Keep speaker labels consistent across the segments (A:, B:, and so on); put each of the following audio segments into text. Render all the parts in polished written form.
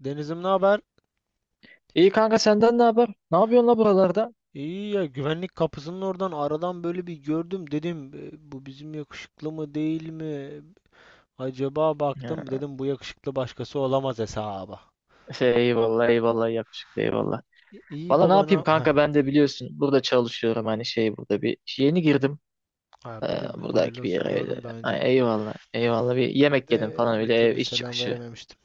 A: Denizim, ne haber?
B: İyi kanka, senden ne haber? Ne yapıyorsun la buralarda?
A: İyi ya, güvenlik kapısının oradan aradan böyle bir gördüm, dedim "E, bu bizim yakışıklı mı değil mi? Acaba?" Baktım,
B: Ya,
A: dedim bu yakışıklı başkası olamaz hesaba.
B: eyvallah eyvallah, yakışıklı, eyvallah.
A: İyi
B: Valla ne
A: baba,
B: yapayım
A: ne? Heh,
B: kanka, ben de biliyorsun burada çalışıyorum, hani burada bir yeni girdim.
A: ha,
B: Ee,
A: biliyorum,
B: Buradaki
A: hayırlı
B: bir
A: olsun,
B: yere öyle.
A: gördüm daha önce.
B: Ay, eyvallah eyvallah, bir yemek yedim
A: De
B: falan,
A: bir
B: öyle ev
A: türlü
B: iş
A: selam
B: çıkışı.
A: verememiştim.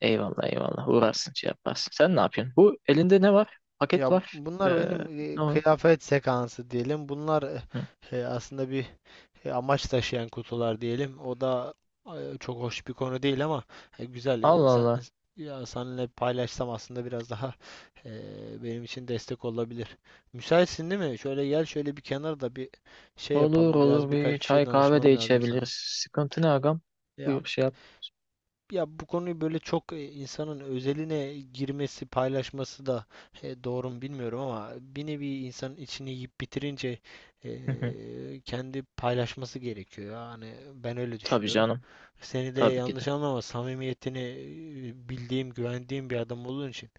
B: Eyvallah eyvallah, uğrarsın şey yaparsın. Sen ne yapıyorsun? Bu elinde ne var? Paket
A: Ya
B: var.
A: bunlar benim,
B: Ne o?
A: kıyafet sekansı diyelim. Bunlar,
B: Hı.
A: aslında bir amaç taşıyan kutular diyelim. O da çok hoş bir konu değil, ama güzel.
B: Allah Allah.
A: Ya, seninle paylaşsam aslında biraz daha benim için destek olabilir. Müsaitsin değil mi? Şöyle gel, şöyle bir kenarda bir şey
B: Olur
A: yapalım. Biraz,
B: olur,
A: birkaç
B: bir
A: bir şey
B: çay kahve de
A: danışmam lazım
B: içebiliriz.
A: sana.
B: Sıkıntı ne agam?
A: Ya
B: Buyur şey yap.
A: ya, bu konuyu böyle çok, insanın özeline girmesi, paylaşması da doğru mu bilmiyorum, ama bir nevi insanın içini yiyip bitirince
B: Hı hı.
A: kendi paylaşması gerekiyor. Yani ben öyle
B: Tabii
A: düşünüyorum.
B: canım.
A: Seni de
B: Tabii ki
A: yanlış
B: de.
A: anlama, samimiyetini bildiğim, güvendiğim bir adam olduğun için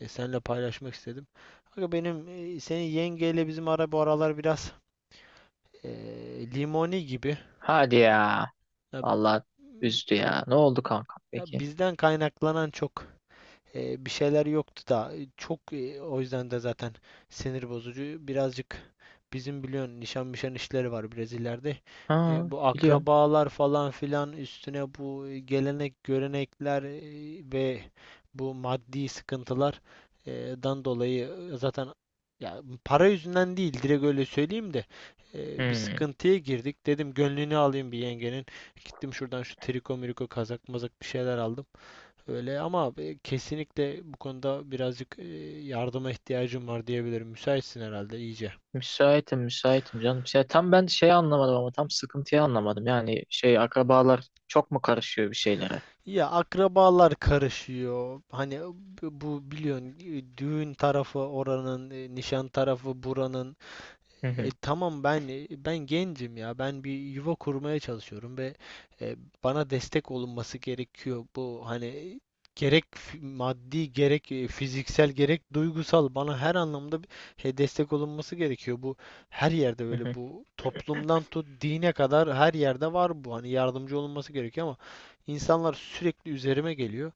A: seninle paylaşmak istedim. Aga, benim, senin yengeyle bizim ara bu aralar biraz e, limoni gibi.
B: Hadi ya.
A: Ya,
B: Allah üzdü ya. Ne oldu kanka
A: ya,
B: peki?
A: bizden kaynaklanan çok bir şeyler yoktu da, çok, o yüzden de zaten sinir bozucu. Birazcık bizim biliyorsun nişan mişan işleri var, Brezilya'da.
B: Ha,
A: Bu
B: biliyorum.
A: akrabalar falan filan üstüne, bu gelenek görenekler, ve bu maddi sıkıntılar e, dan dolayı zaten, ya, para yüzünden değil, direkt öyle söyleyeyim de, bir
B: Hmm.
A: sıkıntıya girdik. Dedim gönlünü alayım bir yengenin. Gittim, şuradan şu triko miriko kazak mazak bir şeyler aldım. Öyle ama kesinlikle bu konuda birazcık yardıma ihtiyacım var diyebilirim. Müsaitsin herhalde iyice.
B: Müsaitim, müsaitim canım. Tam ben anlamadım, ama tam sıkıntıyı anlamadım. Yani akrabalar çok mu karışıyor bir şeylere?
A: Ya, akrabalar karışıyor. Hani bu biliyorsun, düğün tarafı oranın, nişan tarafı buranın.
B: Hı hı.
A: Tamam, ben, ben gencim ya. Ben bir yuva kurmaya çalışıyorum ve e, bana destek olunması gerekiyor. Bu hani gerek maddi, gerek fiziksel, gerek duygusal, bana her anlamda destek olunması gerekiyor. Bu her yerde
B: Hı
A: böyle,
B: hı.
A: bu toplumdan tut dine kadar her yerde var bu. Hani yardımcı olunması gerekiyor ama insanlar sürekli üzerime geliyor.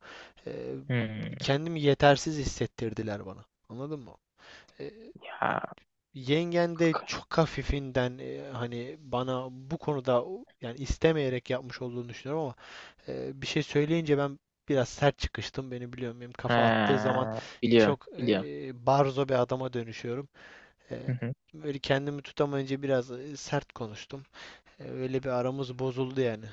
A: E,
B: Hmm.
A: Kendimi yetersiz hissettirdiler bana. Anladın mı? E,
B: Ya.
A: Yengen de çok hafifinden, hani bana bu konuda, yani istemeyerek yapmış olduğunu düşünüyorum ama bir şey söyleyince ben biraz sert çıkıştım. Beni biliyorum, benim
B: He,
A: kafa attığı zaman
B: biliyorum,
A: çok
B: biliyorum.
A: barzo bir adama dönüşüyorum. E, Böyle kendimi tutamayınca biraz sert konuştum. Öyle bir aramız bozuldu yani.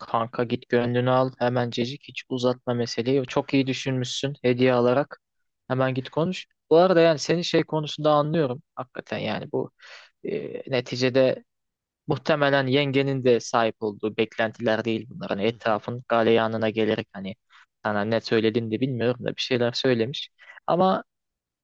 B: Kanka git gönlünü al hemencecik, hiç uzatma meseleyi. Çok iyi düşünmüşsün hediye alarak. Hemen git konuş. Bu arada yani senin konusunda anlıyorum. Hakikaten yani bu neticede muhtemelen yengenin de sahip olduğu beklentiler değil bunlar. Hani
A: Hı hı.
B: etrafın galeyanına gelerek, hani sana ne söylediğini de bilmiyorum da bir şeyler söylemiş. Ama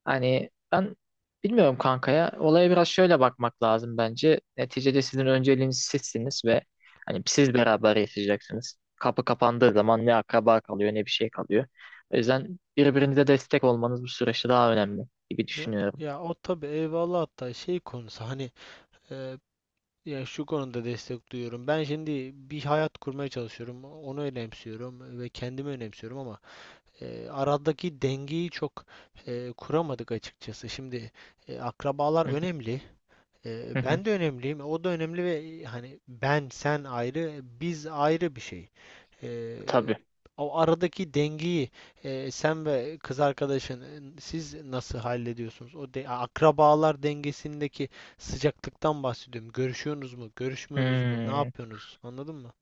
B: hani ben bilmiyorum kankaya. Olaya biraz şöyle bakmak lazım bence. Neticede sizin önceliğiniz sizsiniz ve hani siz beraber yaşayacaksınız. Kapı kapandığı zaman ne akraba kalıyor ne bir şey kalıyor. O yüzden birbirinize destek olmanız bu süreçte daha önemli gibi
A: Ya,
B: düşünüyorum.
A: ya, o tabii eyvallah, hatta şey konusu hani. e, Ya, şu konuda destek duyuyorum. Ben şimdi bir hayat kurmaya çalışıyorum. Onu önemsiyorum ve kendimi önemsiyorum, ama aradaki dengeyi çok kuramadık açıkçası. Şimdi, akrabalar önemli. Ben de önemliyim. O da önemli, ve hani ben sen ayrı, biz ayrı bir şey. Eee,
B: Tabii.
A: O aradaki dengeyi, sen ve kız arkadaşın, siz nasıl hallediyorsunuz? O de, akrabalar dengesindeki sıcaklıktan bahsediyorum. Görüşüyorsunuz mu? Görüşmüyorsunuz mu? Ne
B: Hmm.
A: yapıyorsunuz? Anladın mı?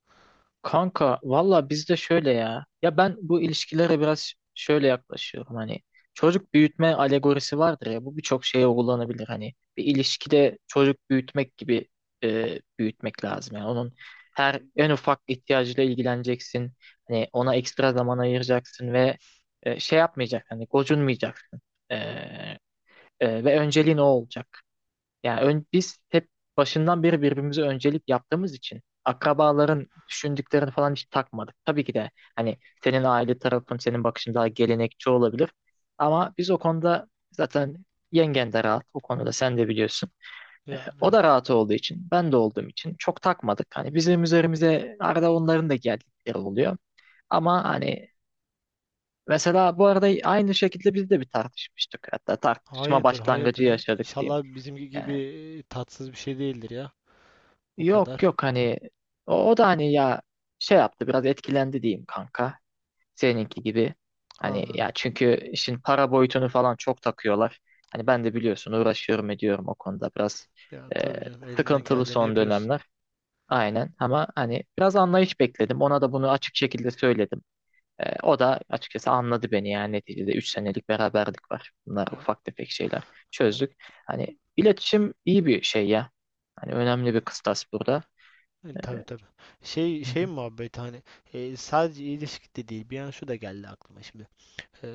B: Kanka valla bizde şöyle ya. Ya ben bu ilişkilere biraz şöyle yaklaşıyorum hani. Çocuk büyütme alegorisi vardır ya. Bu birçok şeye uygulanabilir hani. Bir ilişkide çocuk büyütmek gibi büyütmek lazım. Yani onun her en ufak ihtiyacıyla ilgileneceksin. Hani
A: Hı
B: ona
A: hı.
B: ekstra zaman ayıracaksın ve yapmayacaksın. Hani gocunmayacaksın. E, ve önceliğin o olacak. Biz hep başından beri birbirimize öncelik yaptığımız için akrabaların düşündüklerini falan hiç takmadık. Tabii ki de hani senin aile tarafın, senin bakışın daha gelenekçi olabilir. Ama biz o konuda zaten yengen de rahat. O konuda sen de biliyorsun.
A: Yani
B: O da
A: evet.
B: rahat olduğu için, ben de olduğum için çok takmadık. Hani bizim üzerimize arada onların da geldikleri oluyor. Ama hani mesela bu arada aynı şekilde biz de bir tartışmıştık. Hatta tartışma
A: Hayırdır,
B: başlangıcı
A: hayırdır. He.
B: yaşadık diyeyim.
A: İnşallah bizimki gibi
B: Yani
A: tatsız bir şey değildir ya. O
B: Yok
A: kadar.
B: yok, hani o da hani ya şey yaptı, biraz etkilendi diyeyim kanka, seninki gibi. Hani
A: Anladım.
B: ya, çünkü işin para boyutunu falan çok takıyorlar. Hani ben de biliyorsun, uğraşıyorum ediyorum o konuda biraz
A: Ya
B: e,
A: tabii canım, elinden
B: sıkıntılı
A: geldiğini
B: son
A: yapıyorsun.
B: dönemler. Aynen, ama hani biraz anlayış bekledim. Ona da bunu açık şekilde söyledim. E, o da açıkçası anladı beni, yani neticede 3 senelik beraberlik var. Bunlar
A: Ya,
B: ufak tefek şeyler,
A: e,
B: çözdük. Hani iletişim iyi bir şey ya. Hani önemli bir kıstas burada.
A: tabii tabii. Şey muhabbet hani, sadece ilişkide değil. Bir an şu da geldi aklıma şimdi. Eee,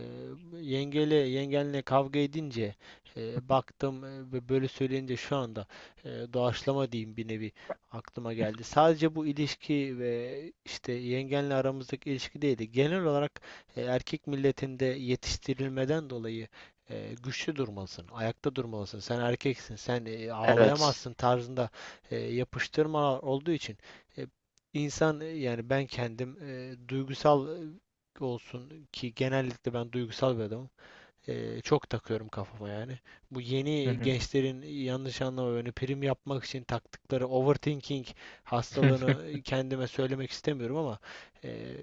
A: yengele yengenle kavga edince, baktım, ve böyle söyleyince, şu anda, doğaçlama diyeyim, bir nevi aklıma geldi. Sadece bu ilişki ve işte yengenle aramızdaki ilişki değildi. Genel olarak, erkek milletinde yetiştirilmeden dolayı, güçlü durmalısın, ayakta durmalısın. Sen erkeksin, sen
B: Evet.
A: ağlayamazsın tarzında, yapıştırmalar olduğu için, eee, İnsan yani ben kendim, duygusal olsun ki, genellikle ben duygusal bir adamım. Çok takıyorum kafama yani. Bu
B: Hı
A: yeni
B: hı.
A: gençlerin, yanlış anlama beni, prim yapmak için taktıkları overthinking hastalığını kendime söylemek istemiyorum, ama e,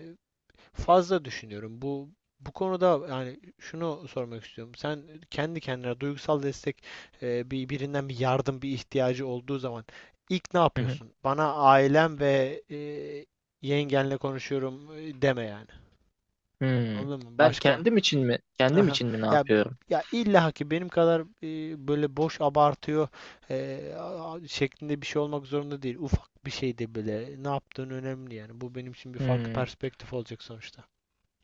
A: fazla düşünüyorum. Bu konuda yani şunu sormak istiyorum. Sen kendi kendine duygusal destek, bir birinden bir yardım, bir ihtiyacı olduğu zaman ilk ne
B: Hı hı.
A: yapıyorsun? Bana "ailem ve yengenle konuşuyorum" deme yani.
B: Hmm.
A: Anladın mı?
B: Ben
A: Başka.
B: kendim için mi,
A: Aha.
B: ne
A: Ya
B: yapıyorum?
A: ya, illa ki benim kadar, böyle boş abartıyor, şeklinde bir şey olmak zorunda değil. Ufak bir şey de bile ne yaptığın önemli yani. Bu benim için bir farklı
B: Hmm.
A: perspektif olacak sonuçta.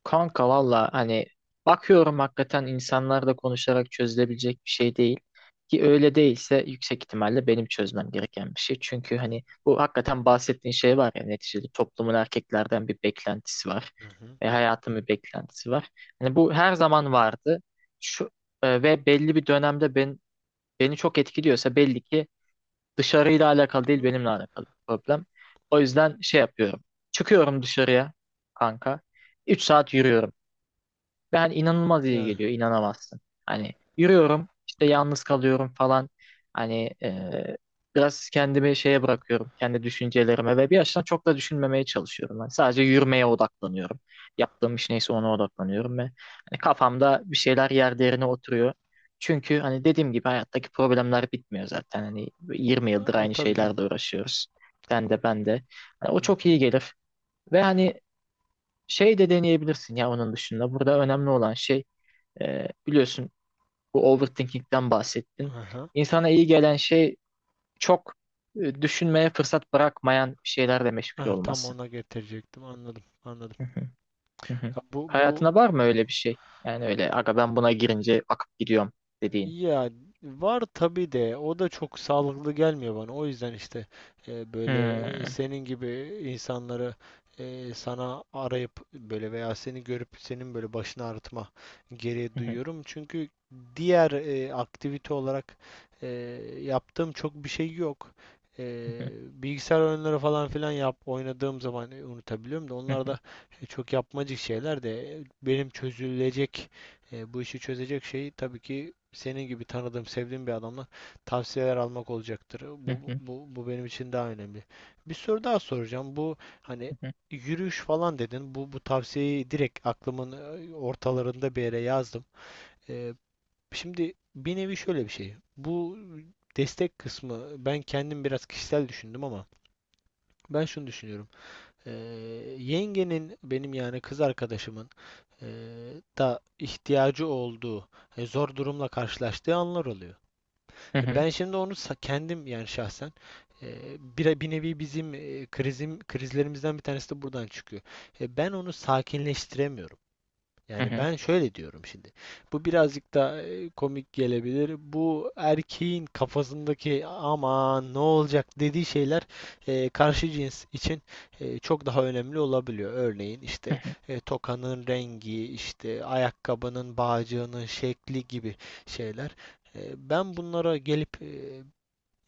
B: Kanka valla hani bakıyorum, hakikaten insanlarla konuşarak çözülebilecek bir şey değil. Ki öyle değilse yüksek ihtimalle benim çözmem gereken bir şey. Çünkü hani bu hakikaten bahsettiğin şey var ya, neticede toplumun erkeklerden bir beklentisi var.
A: Hı hı.
B: Ve hayatın bir beklentisi var. Hani bu her zaman vardı. Şu, ve belli bir dönemde beni çok etkiliyorsa belli ki dışarıyla alakalı değil, benimle alakalı bir problem. O yüzden yapıyorum. Çıkıyorum dışarıya kanka. 3 saat yürüyorum. Ben inanılmaz iyi
A: Yani
B: geliyor, inanamazsın. Hani yürüyorum, işte yalnız kalıyorum falan. Hani biraz kendimi şeye bırakıyorum, kendi düşüncelerime, ve bir yaştan çok da düşünmemeye çalışıyorum. Ben sadece yürümeye odaklanıyorum. Yaptığım iş neyse ona odaklanıyorum ve hani kafamda bir şeyler yer yerine oturuyor. Çünkü hani dediğim gibi hayattaki problemler bitmiyor zaten. Hani yirmi
A: ya,
B: yıldır
A: o
B: aynı
A: tabii canım.
B: şeylerle uğraşıyoruz. Sen de ben de. Hani o
A: Hı
B: çok
A: hı.
B: iyi gelir. Ve hani de deneyebilirsin ya onun dışında. Burada önemli olan şey biliyorsun bu overthinking'den bahsettin.
A: Aha.
B: İnsana iyi gelen şey çok düşünmeye fırsat bırakmayan şeylerle meşgul
A: Ah, tam
B: olması.
A: ona getirecektim. Anladım. Anladım.
B: Hı hı, hı hı.
A: Ya bu bu
B: Hayatına var mı öyle bir şey? Yani öyle aga, "ben buna girince akıp gidiyorum" dediğin.
A: Ya, var tabii de, o da çok sağlıklı gelmiyor bana. O yüzden işte, böyle,
B: Hmm.
A: senin gibi insanları, sana arayıp böyle veya seni görüp, senin böyle başını ağrıtma gereği
B: Hı hı,
A: duyuyorum. Çünkü diğer aktivite olarak e, yaptığım çok bir şey yok. E,
B: hı hı,
A: Bilgisayar oyunları falan filan, oynadığım zaman unutabiliyorum da,
B: hı
A: onlar
B: hı,
A: da çok yapmacık şeyler, de benim çözülecek, bu işi çözecek şey tabii ki senin gibi tanıdığım, sevdiğim bir adamla tavsiyeler almak olacaktır.
B: hı
A: Bu,
B: hı,
A: bu, bu benim için daha önemli. Bir soru daha soracağım. Bu hani yürüyüş falan dedin. Bu tavsiyeyi direkt aklımın ortalarında bir yere yazdım. Ee, Şimdi bir nevi şöyle bir şey. Bu destek kısmı ben kendim biraz kişisel düşündüm, ama ben şunu düşünüyorum. Ee, Yengenin, benim yani kız arkadaşımın, e, da ihtiyacı olduğu, zor durumla karşılaştığı anlar oluyor.
B: hı hı,
A: Ben şimdi onu, kendim yani şahsen, e, bir, nevi bizim, e, krizim krizlerimizden bir tanesi de buradan çıkıyor. Ben onu sakinleştiremiyorum.
B: hı
A: Yani
B: hı,
A: ben şöyle diyorum şimdi. Bu birazcık da komik gelebilir. Bu erkeğin kafasındaki "aman ne olacak" dediği şeyler, karşı cins için çok daha önemli olabiliyor. Örneğin
B: hı
A: işte,
B: hı,
A: tokanın rengi, işte ayakkabının bağcığının şekli gibi şeyler. Ben bunlara gelip,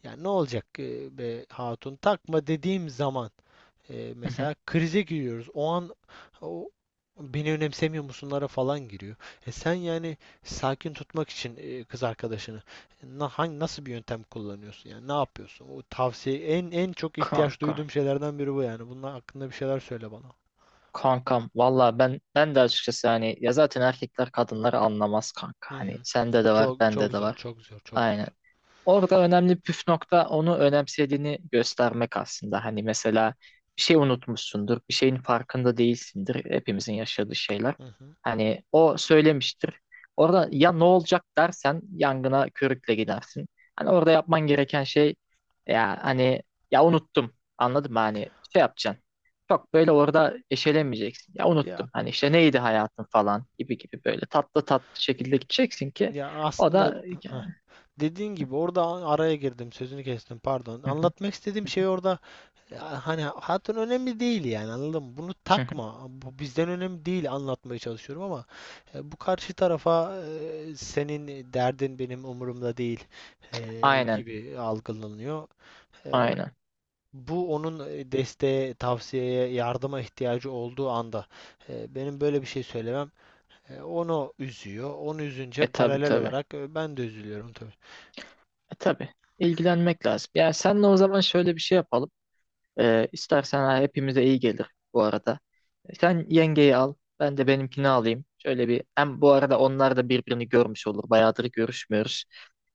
A: yani "ne olacak, be hatun, takma" dediğim zaman
B: hı hı.
A: mesela krize giriyoruz. O an o "beni önemsemiyor musunlara falan giriyor. E sen yani sakin tutmak için, kız arkadaşını, na, hangi nasıl bir yöntem kullanıyorsun? Yani ne yapıyorsun? O tavsiye, en çok ihtiyaç
B: Kanka.
A: duyduğum şeylerden biri bu yani. Bunun hakkında bir şeyler söyle bana.
B: Kankam valla ben de açıkçası hani ya, zaten erkekler kadınları anlamaz kanka.
A: Hı
B: Hani
A: hı. Hı
B: sende
A: hı.
B: de var,
A: Çok
B: bende
A: çok
B: de
A: zor,
B: var.
A: çok zor, çok
B: Aynen.
A: zor.
B: Orada önemli püf nokta onu önemsediğini göstermek aslında. Hani mesela bir şey unutmuşsundur, bir şeyin farkında değilsindir. Hepimizin yaşadığı şeyler.
A: Hı hı.
B: Hani o söylemiştir. Orada "ya ne olacak" dersen yangına körükle gidersin. Hani orada yapman gereken şey ya hani, ya unuttum. Anladın mı? Hani yapacaksın. Çok böyle orada eşelemeyeceksin. Ya
A: Ya
B: unuttum. Hani işte neydi hayatın falan gibi gibi, böyle tatlı tatlı şekilde gideceksin ki
A: ya,
B: o
A: aslında,
B: da
A: dediğin gibi orada, araya girdim, sözünü kestim, pardon. Anlatmak istediğim şey, orada, ya hani, hatun önemli değil, yani anladın mı? Bunu takma. Bu bizden önemli değil, anlatmaya çalışıyorum ama, bu karşı tarafa, "senin derdin benim umurumda değil"
B: Aynen,
A: gibi algılanıyor. E,
B: aynen.
A: Bu onun, desteğe, tavsiyeye, yardıma ihtiyacı olduğu anda, benim böyle bir şey söylemem onu üzüyor. Onu üzünce
B: E tabi
A: paralel
B: tabi.
A: olarak ben de üzülüyorum tabii.
B: E tabi. İlgilenmek lazım. Yani senle o zaman şöyle bir şey yapalım. İstersen ha, hepimize iyi gelir bu arada. E, sen yengeyi al, ben de benimkini alayım. Şöyle bir, hem bu arada onlar da birbirini görmüş olur. Bayağıdır görüşmüyoruz.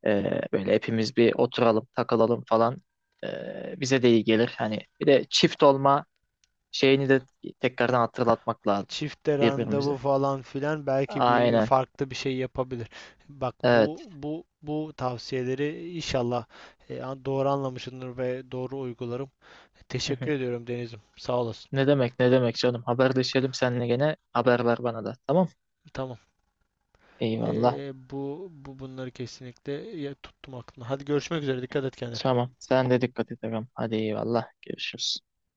B: Böyle hepimiz bir oturalım, takılalım falan. Bize de iyi gelir. Hani bir de çift olma şeyini de tekrardan hatırlatmak lazım
A: Çifte randevu
B: birbirimize.
A: falan filan, belki bir
B: Aynen.
A: farklı bir şey yapabilir. Bak, bu
B: Evet.
A: bu bu tavsiyeleri inşallah, doğru anlamışsındır ve doğru uygularım. Teşekkür ediyorum, Deniz'im. Sağ olasın.
B: Ne demek, ne demek canım. Haberleşelim seninle gene. Haber ver bana da. Tamam.
A: Tamam.
B: Eyvallah.
A: E, bu bu bunları kesinlikle, ya, tuttum aklımda. Hadi görüşmek üzere. Dikkat et kendine.
B: Tamam. Sen de dikkat et ağam. Hadi eyvallah. Görüşürüz.